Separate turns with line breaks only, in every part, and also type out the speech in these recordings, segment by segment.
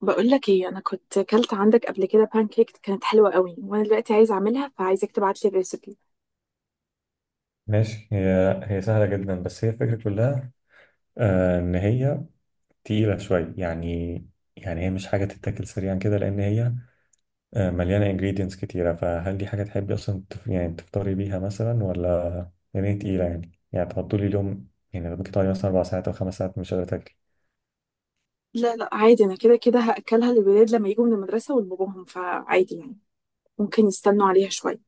بقول لك ايه، انا كنت كلت عندك قبل كده كيك كانت حلوه قوي، وانا دلوقتي عايزه اعملها فعايزك تبعت لي الريسبي.
ماشي. هي هي سهلة جدا، بس هي الفكرة كلها. إن هي تقيلة شوية يعني. يعني هي مش حاجة تتاكل سريعا كده، لأن هي مليانة ingredients كتيرة. فهل دي حاجة تحبي أصلا يعني تفطري بيها مثلا، ولا يعني هي تقيلة؟ يعني تحطولي اليوم، يعني لو بتقعدي مثلا أربع ساعات أو خمس ساعات مش قادرة تاكلي.
لا لا، عادي انا كده كده هاكلها للولاد لما يجوا من المدرسه ولباباهم، فعادي يعني ممكن يستنوا عليها شويه.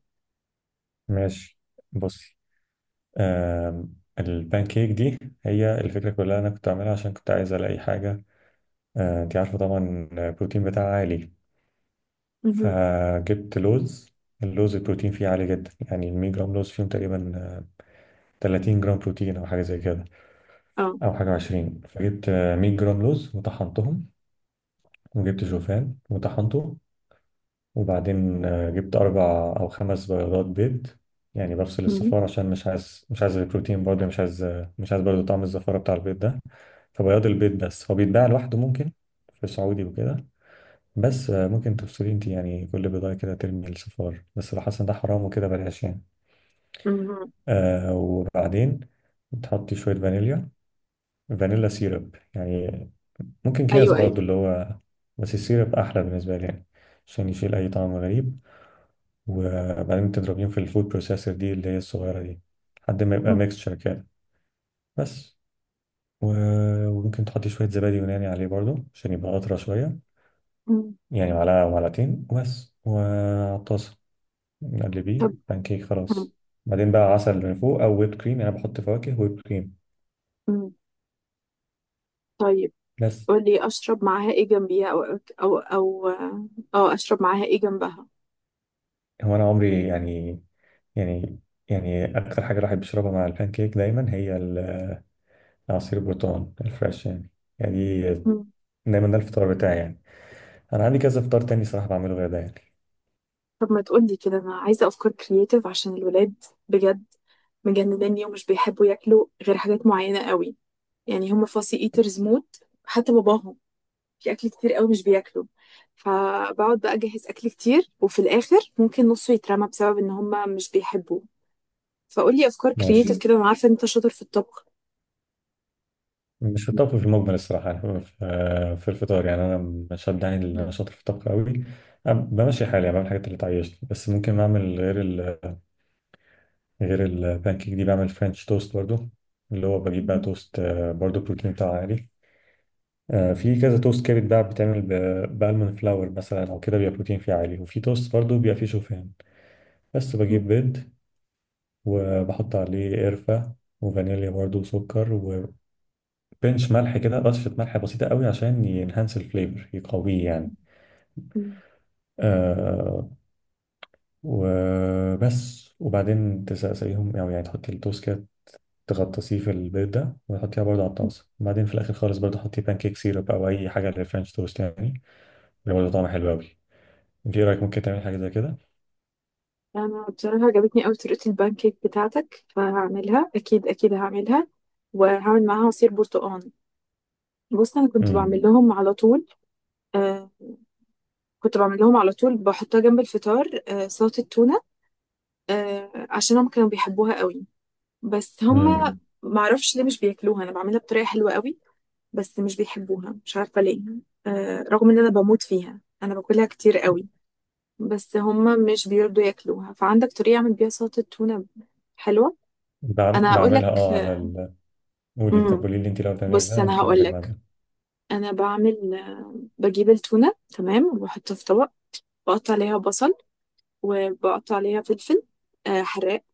ماشي. بصي. البان كيك دي، هي الفكرة كلها. أنا كنت أعملها عشان كنت عايز ألاقي حاجة. أنت عارفة طبعا البروتين بتاعها عالي.
مهم.
فجبت لوز. اللوز البروتين فيه عالي جدا، يعني ال 100 جرام لوز فيهم تقريبا 30 جرام بروتين او حاجه زي كده.
اه.
او حاجه 20. فجبت 100 جرام لوز وطحنتهم. وجبت شوفان وطحنته. وبعدين جبت اربع او خمس بيضات بيض، يعني بفصل
مهم.
الصفار، عشان مش عايز البروتين، برضه مش عايز برضه طعم الزفاره بتاع البيض ده. فبياض البيض بس، هو بيتباع لوحده ممكن في سعودي وكده. بس ممكن تفصلي انت، يعني كل بضاعة كده ترمي الصفار، بس لو حاسة ان ده حرام وكده بلاش يعني.
مهم.
وبعدين تحطي شوية فانيليا، فانيلا سيرب يعني، ممكن كياس
ايوه ايوه.
برضو اللي هو، بس السيرب أحلى بالنسبة لي يعني، عشان يشيل أي طعم غريب. وبعدين تضربيهم في الفود بروسيسور دي، اللي هي الصغيرة دي، لحد ما يبقى
مم.
ميكستشر كده بس. وممكن تحطي شوية زبادي يوناني عليه برضو عشان يبقى أطرى شوية،
مم.
يعني معلقة أو معلقتين وبس. وعلى الطاسة نقلبيه
طب.
بانكيك
مم.
خلاص. بعدين بقى عسل من فوق او ويب كريم. انا بحط فواكه ويب كريم
مم. طيب.
بس.
قول لي اشرب معاها ايه جنبيها، او او او اه اشرب معاها ايه جنبها؟
هو انا عمري يعني، يعني اكتر حاجه الواحد بيشربها مع البانكيك دايما هي عصير البرتقال الفريش يعني، يعني دايما ده الفطار بتاعي يعني. انا عندي كذا فطار تاني صراحه بعمله غير ده يعني.
طب ما تقولي كده، انا عايزه افكار كرييتيف عشان الولاد، بجد مجنناني ومش بيحبوا ياكلوا غير حاجات معينه قوي. يعني هم فاسي ايترز موت، حتى باباهم. في اكل كتير قوي مش بياكلوا، فبقعد بقى اجهز اكل كتير وفي الاخر ممكن نصه يترمى بسبب ان هم مش بيحبوه. فقولي افكار كرييتيف
ماشي.
كده، انا عارفه ان انت شاطر في الطبخ.
مش في الطبخ في المجمل الصراحه، يعني في الفطار يعني انا، مش شد يعني ان انا شاطر في الطبخ قوي. أنا بمشي حالي، يعني بعمل الحاجات اللي تعيشني. بس ممكن اعمل غير البانكيك دي، بعمل فرنش توست برضو، اللي هو بجيب بقى توست برضو بروتين بتاعه عالي. في كذا توست كده بقى بتعمل بالمون فلاور مثلا او كده بيبقى بروتين فيه عالي، وفي توست برضو بيبقى فيه شوفان. بس بجيب بيض وبحط عليه قرفة وفانيليا برضو وسكر وبنش ملح، كده رشة ملح بسيطة قوي عشان ينهانس الفليفر يقويه يعني. آه وبس. وبعدين تسقيهم او يعني تحط التوست كده، تغطسيه في البيض ده وتحطيها برضه على الطاسة، وبعدين في الآخر خالص برضه حطي بانكيك سيرب أو أي حاجة اللي فرنش توست يعني، اللي برضه طعمها حلو أوي. أنت إيه رأيك، ممكن تعملي حاجة زي كده؟
انا بصراحه عجبتني قوي طريقه البانكيك بتاعتك، فهعملها اكيد، اكيد هعملها. وهعمل معاها عصير برتقال. بص انا كنت بعمل
امم.
لهم على طول. آه. كنت بعمل لهم على طول، بحطها جنب الفطار، آه، سلطة تونة، آه، عشان هم كانوا بيحبوها قوي. بس هم
امم.
معرفش ليه مش بياكلوها، انا بعملها بطريقة حلوة قوي بس مش بيحبوها، مش عارفة ليه. آه، رغم ان انا بموت فيها، انا باكلها كتير قوي بس هم مش بيرضوا ياكلوها. فعندك طريقة اعمل بيها سلطة تونة حلوة؟ انا هقول لك.
بعملها أه على ال. قولي. طب
امم.
قولي لي أنت لو بتعمليها إزاي،
بص
أنا
انا
ممكن أقول
هقول
لك
لك.
بعدين.
انا بعمل، بجيب التونة، تمام، وبحطها في طبق. بقطع عليها بصل، وبقطع عليها فلفل، حراق.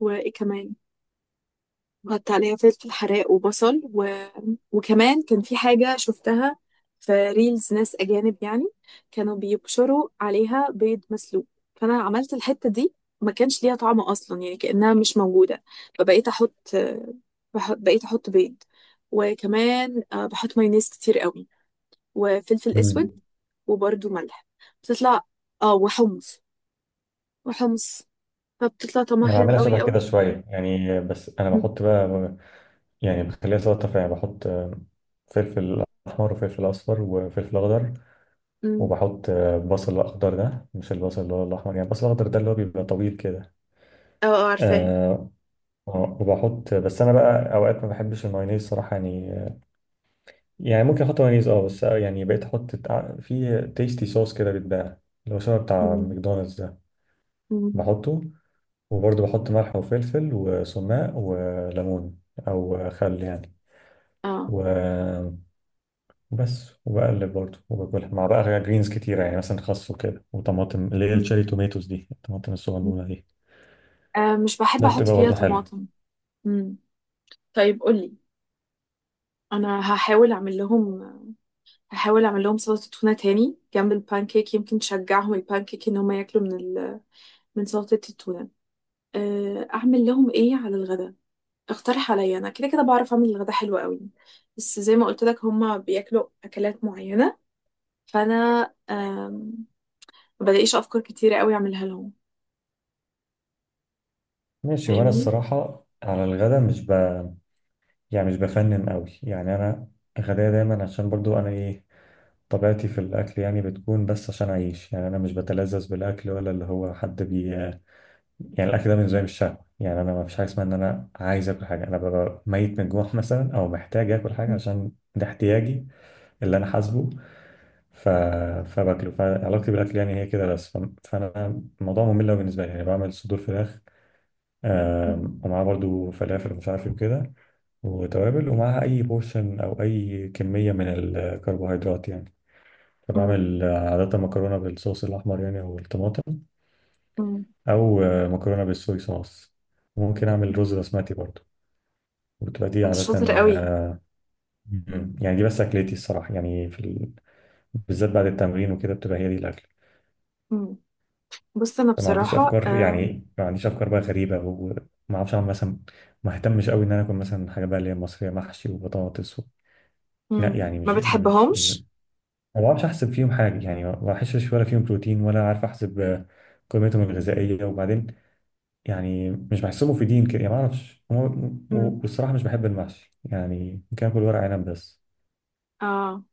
وايه كمان؟ بقطع عليها فلفل حراق وبصل وكمان كان في حاجة شفتها في ريلز، ناس أجانب يعني، كانوا بيبشروا عليها بيض مسلوق. فأنا عملت الحتة دي، ما كانش ليها طعم أصلا، يعني كأنها مش موجودة. فبقيت أحط، بقيت أحط بيض. وكمان بحط مايونيز كتير قوي وفلفل أسود
امم.
وبرده ملح. بتطلع، اه وحمص. وحمص. فبتطلع طعمها
أنا
حلو
بعملها
قوي
شبه كده
قوي.
شوية، يعني بس أنا
مم.
بحط بقى، يعني بخليها سلطة فعلا، بحط فلفل أحمر وفلفل أصفر وفلفل أخضر.
مم.
وبحط بصل أخضر، ده مش البصل اللي هو الأحمر، يعني البصل الأخضر ده اللي هو بيبقى طويل كده.
اه اه، عارفاه.
آه، وبحط، بس انا بقى اوقات ما بحبش المايونيز صراحه يعني. يعني ممكن احط مايونيز اه، بس يعني بقيت احط في تيستي صوص كده بيتباع، اللي هو شبه بتاع
مم.
ماكدونالدز ده،
مم.
بحطه. وبرضه بحط ملح وفلفل وسماق وليمون او خل يعني،
اه.
و- وبس. وبقلب برضه وباكلها مع بقى جرينز كتيره، يعني مثلا خس وكده وطماطم، اللي هي
مم.
الشيري توميتوز دي، الطماطم الصغنونه دي.
آه، مش بحب
ده
احط
بتبقى
فيها
برضه حلو.
طماطم. مم. طيب قولي. انا هحاول اعمل لهم، هحاول اعمل لهم سلطه تونه تاني جنب البانكيك، يمكن تشجعهم البانكيك ان هم ياكلوا من سلطه التونه. اعمل لهم ايه على الغدا؟ اقترح عليا، انا كده كده بعرف اعمل الغدا حلو قوي، بس زي ما قلت لك هم بياكلوا اكلات معينه. فانا، آم، ما بلاقيش افكار كتيره قوي اعملها لهم.
ماشي. وانا
فاهمني؟
الصراحه على الغدا مش بقى، يعني مش بفنن قوي، يعني انا غدايا دايما، عشان برضو انا ايه، طبيعتي في الاكل يعني بتكون بس عشان اعيش، يعني انا مش بتلذذ بالاكل ولا اللي هو حد بي. يعني الاكل ده بالنسبه لي مش شهوه، يعني انا ما فيش حاجه اسمها ان انا عايز اكل حاجه، انا ببقى ميت من الجوع مثلا او محتاج اكل حاجه عشان ده احتياجي، اللي انا حاسبه. ف... فباكله، فعلاقتي بالاكل يعني هي كده بس، فانا، الموضوع ممل أوي بالنسبه لي، يعني بعمل صدور فراخ، ومعاه برضو فلافل ومش عارف ايه وكده وتوابل، ومعاها أي بورشن أو أي كمية من الكربوهيدرات يعني.
مم.
فبعمل عادة مكرونة بالصوص الأحمر يعني، أو الطماطم،
مم.
أو مكرونة بالصويا صوص. وممكن أعمل رز
مم.
بسمتي برضه. وبتبقى دي
انت
عادة
شاطر قوي.
مم. يعني دي بس أكلتي الصراحة، يعني في بالذات بعد التمرين وكده بتبقى هي دي الأكل.
مم. بص انا
فما عنديش
بصراحة،
أفكار، يعني ما عنديش أفكار بقى غريبة، وما أعرفش أعمل مثلا، ما اهتمش قوي إن أنا أكل مثلا حاجة بقى اللي هي مصرية، محشي وبطاطس لا،
مم.
يعني
ما
مش
بتحبهمش؟
ما بعرفش احسب فيهم حاجه، يعني ما بحسش ولا فيهم بروتين، ولا عارف احسب قيمتهم الغذائيه. وبعدين يعني مش بحسبه في دين كده، يعني ما اعرفش.
مم.
والصراحه مش بحب المحشي، يعني ممكن اكل ورق عنب بس.
اه.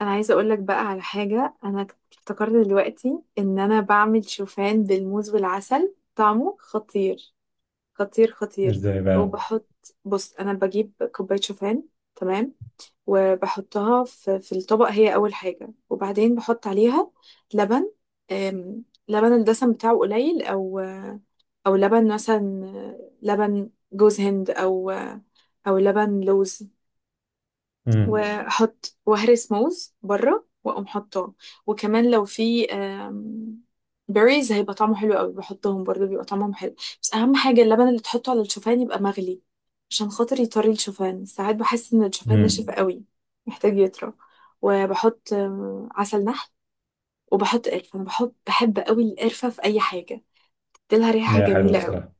انا عايزة اقول لك بقى على حاجة، انا افتكرت دلوقتي ان انا بعمل شوفان بالموز والعسل، طعمه خطير. خطير خطير.
ازاي بقى؟
وبحط بص انا بجيب كوباية شوفان، تمام، وبحطها في الطبق، هي اول حاجة. وبعدين بحط عليها لبن، لبن الدسم بتاعه قليل، او لبن مثلا لبن جوز هند، او لبن لوز.
امم.
واحط وهرس موز بره واقوم حاطاه. وكمان لو في بيريز، هيبقى طعمه حلو قوي. بحطهم برضه، بيبقى طعمهم حلو. بس اهم حاجه اللبن اللي تحطه على الشوفان يبقى مغلي، عشان خاطر يطري الشوفان. ساعات بحس ان الشوفان ناشف
امم.
قوي محتاج يطرى. وبحط عسل نحل. وبحط قرفه، انا بحب قوي القرفه في اي حاجه، تديلها ريحه
ما هي حلوه
جميله قوي.
الصراحه.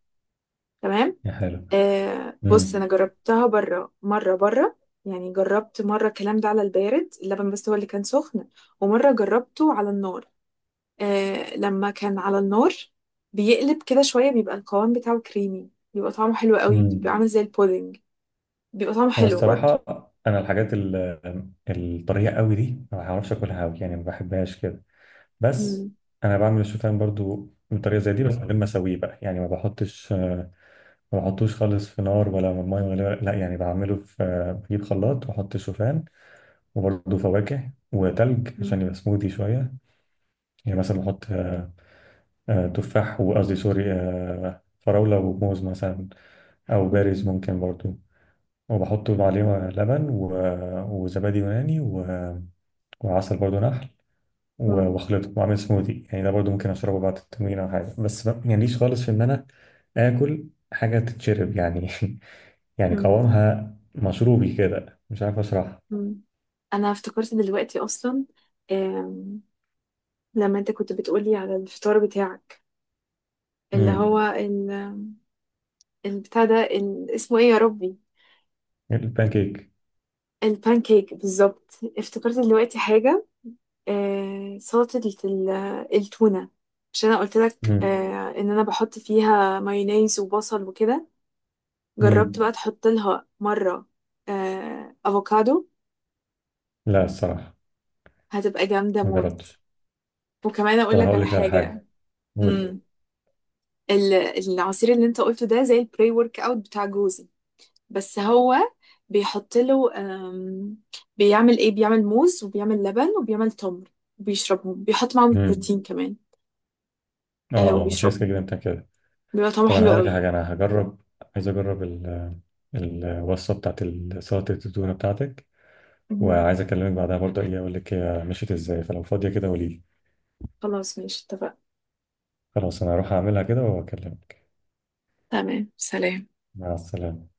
تمام.
هي حلوه.
آه، بص
امم.
انا جربتها بره مره بره. يعني جربت مره الكلام ده على البارد، اللبن بس هو اللي كان سخن. ومره جربته على النار، آه لما كان على النار بيقلب كده شويه، بيبقى القوام بتاعه كريمي، بيبقى طعمه حلو قوي، بيبقى
امم.
عامل زي البودنج. بيبقى طعمه
هو
حلو برضه.
الصراحه انا الحاجات الطريه قوي دي ما بعرفش اكلها قوي، يعني ما بحبهاش كده بس.
مم.
انا بعمل الشوفان برضو بطريقه زي دي، بس من غير ما اسويه بقى، يعني ما بحطش، ما بحطوش خالص في نار ولا ميه لا يعني بعمله في، بجيب خلاط واحط شوفان، وبرضه فواكه وتلج
مم.
عشان يبقى سموذي شويه. يعني مثلا بحط تفاح، وقصدي سوري، فراوله وموز مثلا، او بارز
مم.
ممكن برضه. وبحط عليه لبن وزبادي يوناني وعسل برضه نحل
مم.
واخلطه واعمل سموذي، يعني ده برضه ممكن اشربه بعد التمرين او حاجه. بس يعني ليش خالص في ان انا اكل حاجه تتشرب يعني يعني
مم.
قوامها مشروبي كده مش عارف اشرحها.
مم. انا افتكرت دلوقتي اصلا، آم، لما انت كنت بتقولي على الفطار بتاعك، اللي هو
امم.
البتاع ده، اسمه ايه يا ربي؟
البانكيك.
البانكيك بالظبط. افتكرت دلوقتي حاجة، آه سلطة ال- التونة. عشان انا قلت لك
امم.
آه ان انا بحط فيها مايونيز وبصل وكده، جربت
امم.
بقى تحط لها مرة آه افوكادو؟
لا، الصراحه
هتبقى جامدة
ما
موت.
جربتش.
وكمان
طب
اقول
انا
لك
هقول
على
لك على حاجه.
حاجة.
قولي.
امم. ال- العصير اللي انت قلته ده زي البري ورك اوت بتاع جوزي. بس هو بيحط له، بيعمل موز وبيعمل لبن وبيعمل تمر، بيشربهم، بيحط معاهم
امم.
البروتين كمان.
اه،
آه،
اه، ما في ناس كده
وبيشربهم،
بتعمل كده.
بيبقى طعمه
طب انا
حلو
هقول لك على
قوي.
حاجه. انا هجرب، عايز اجرب الوصفه بتاعت سلطه التونه بتاعتك.
مهم.
وعايز اكلمك بعدها برضه ايه، اقول لك هي مشيت ازاي، فلو فاضيه كده قولي لي.
خلاص، ماشي، اتفقنا.
خلاص. انا هروح اعملها كده واكلمك.
تمام، سلام.
مع السلامه.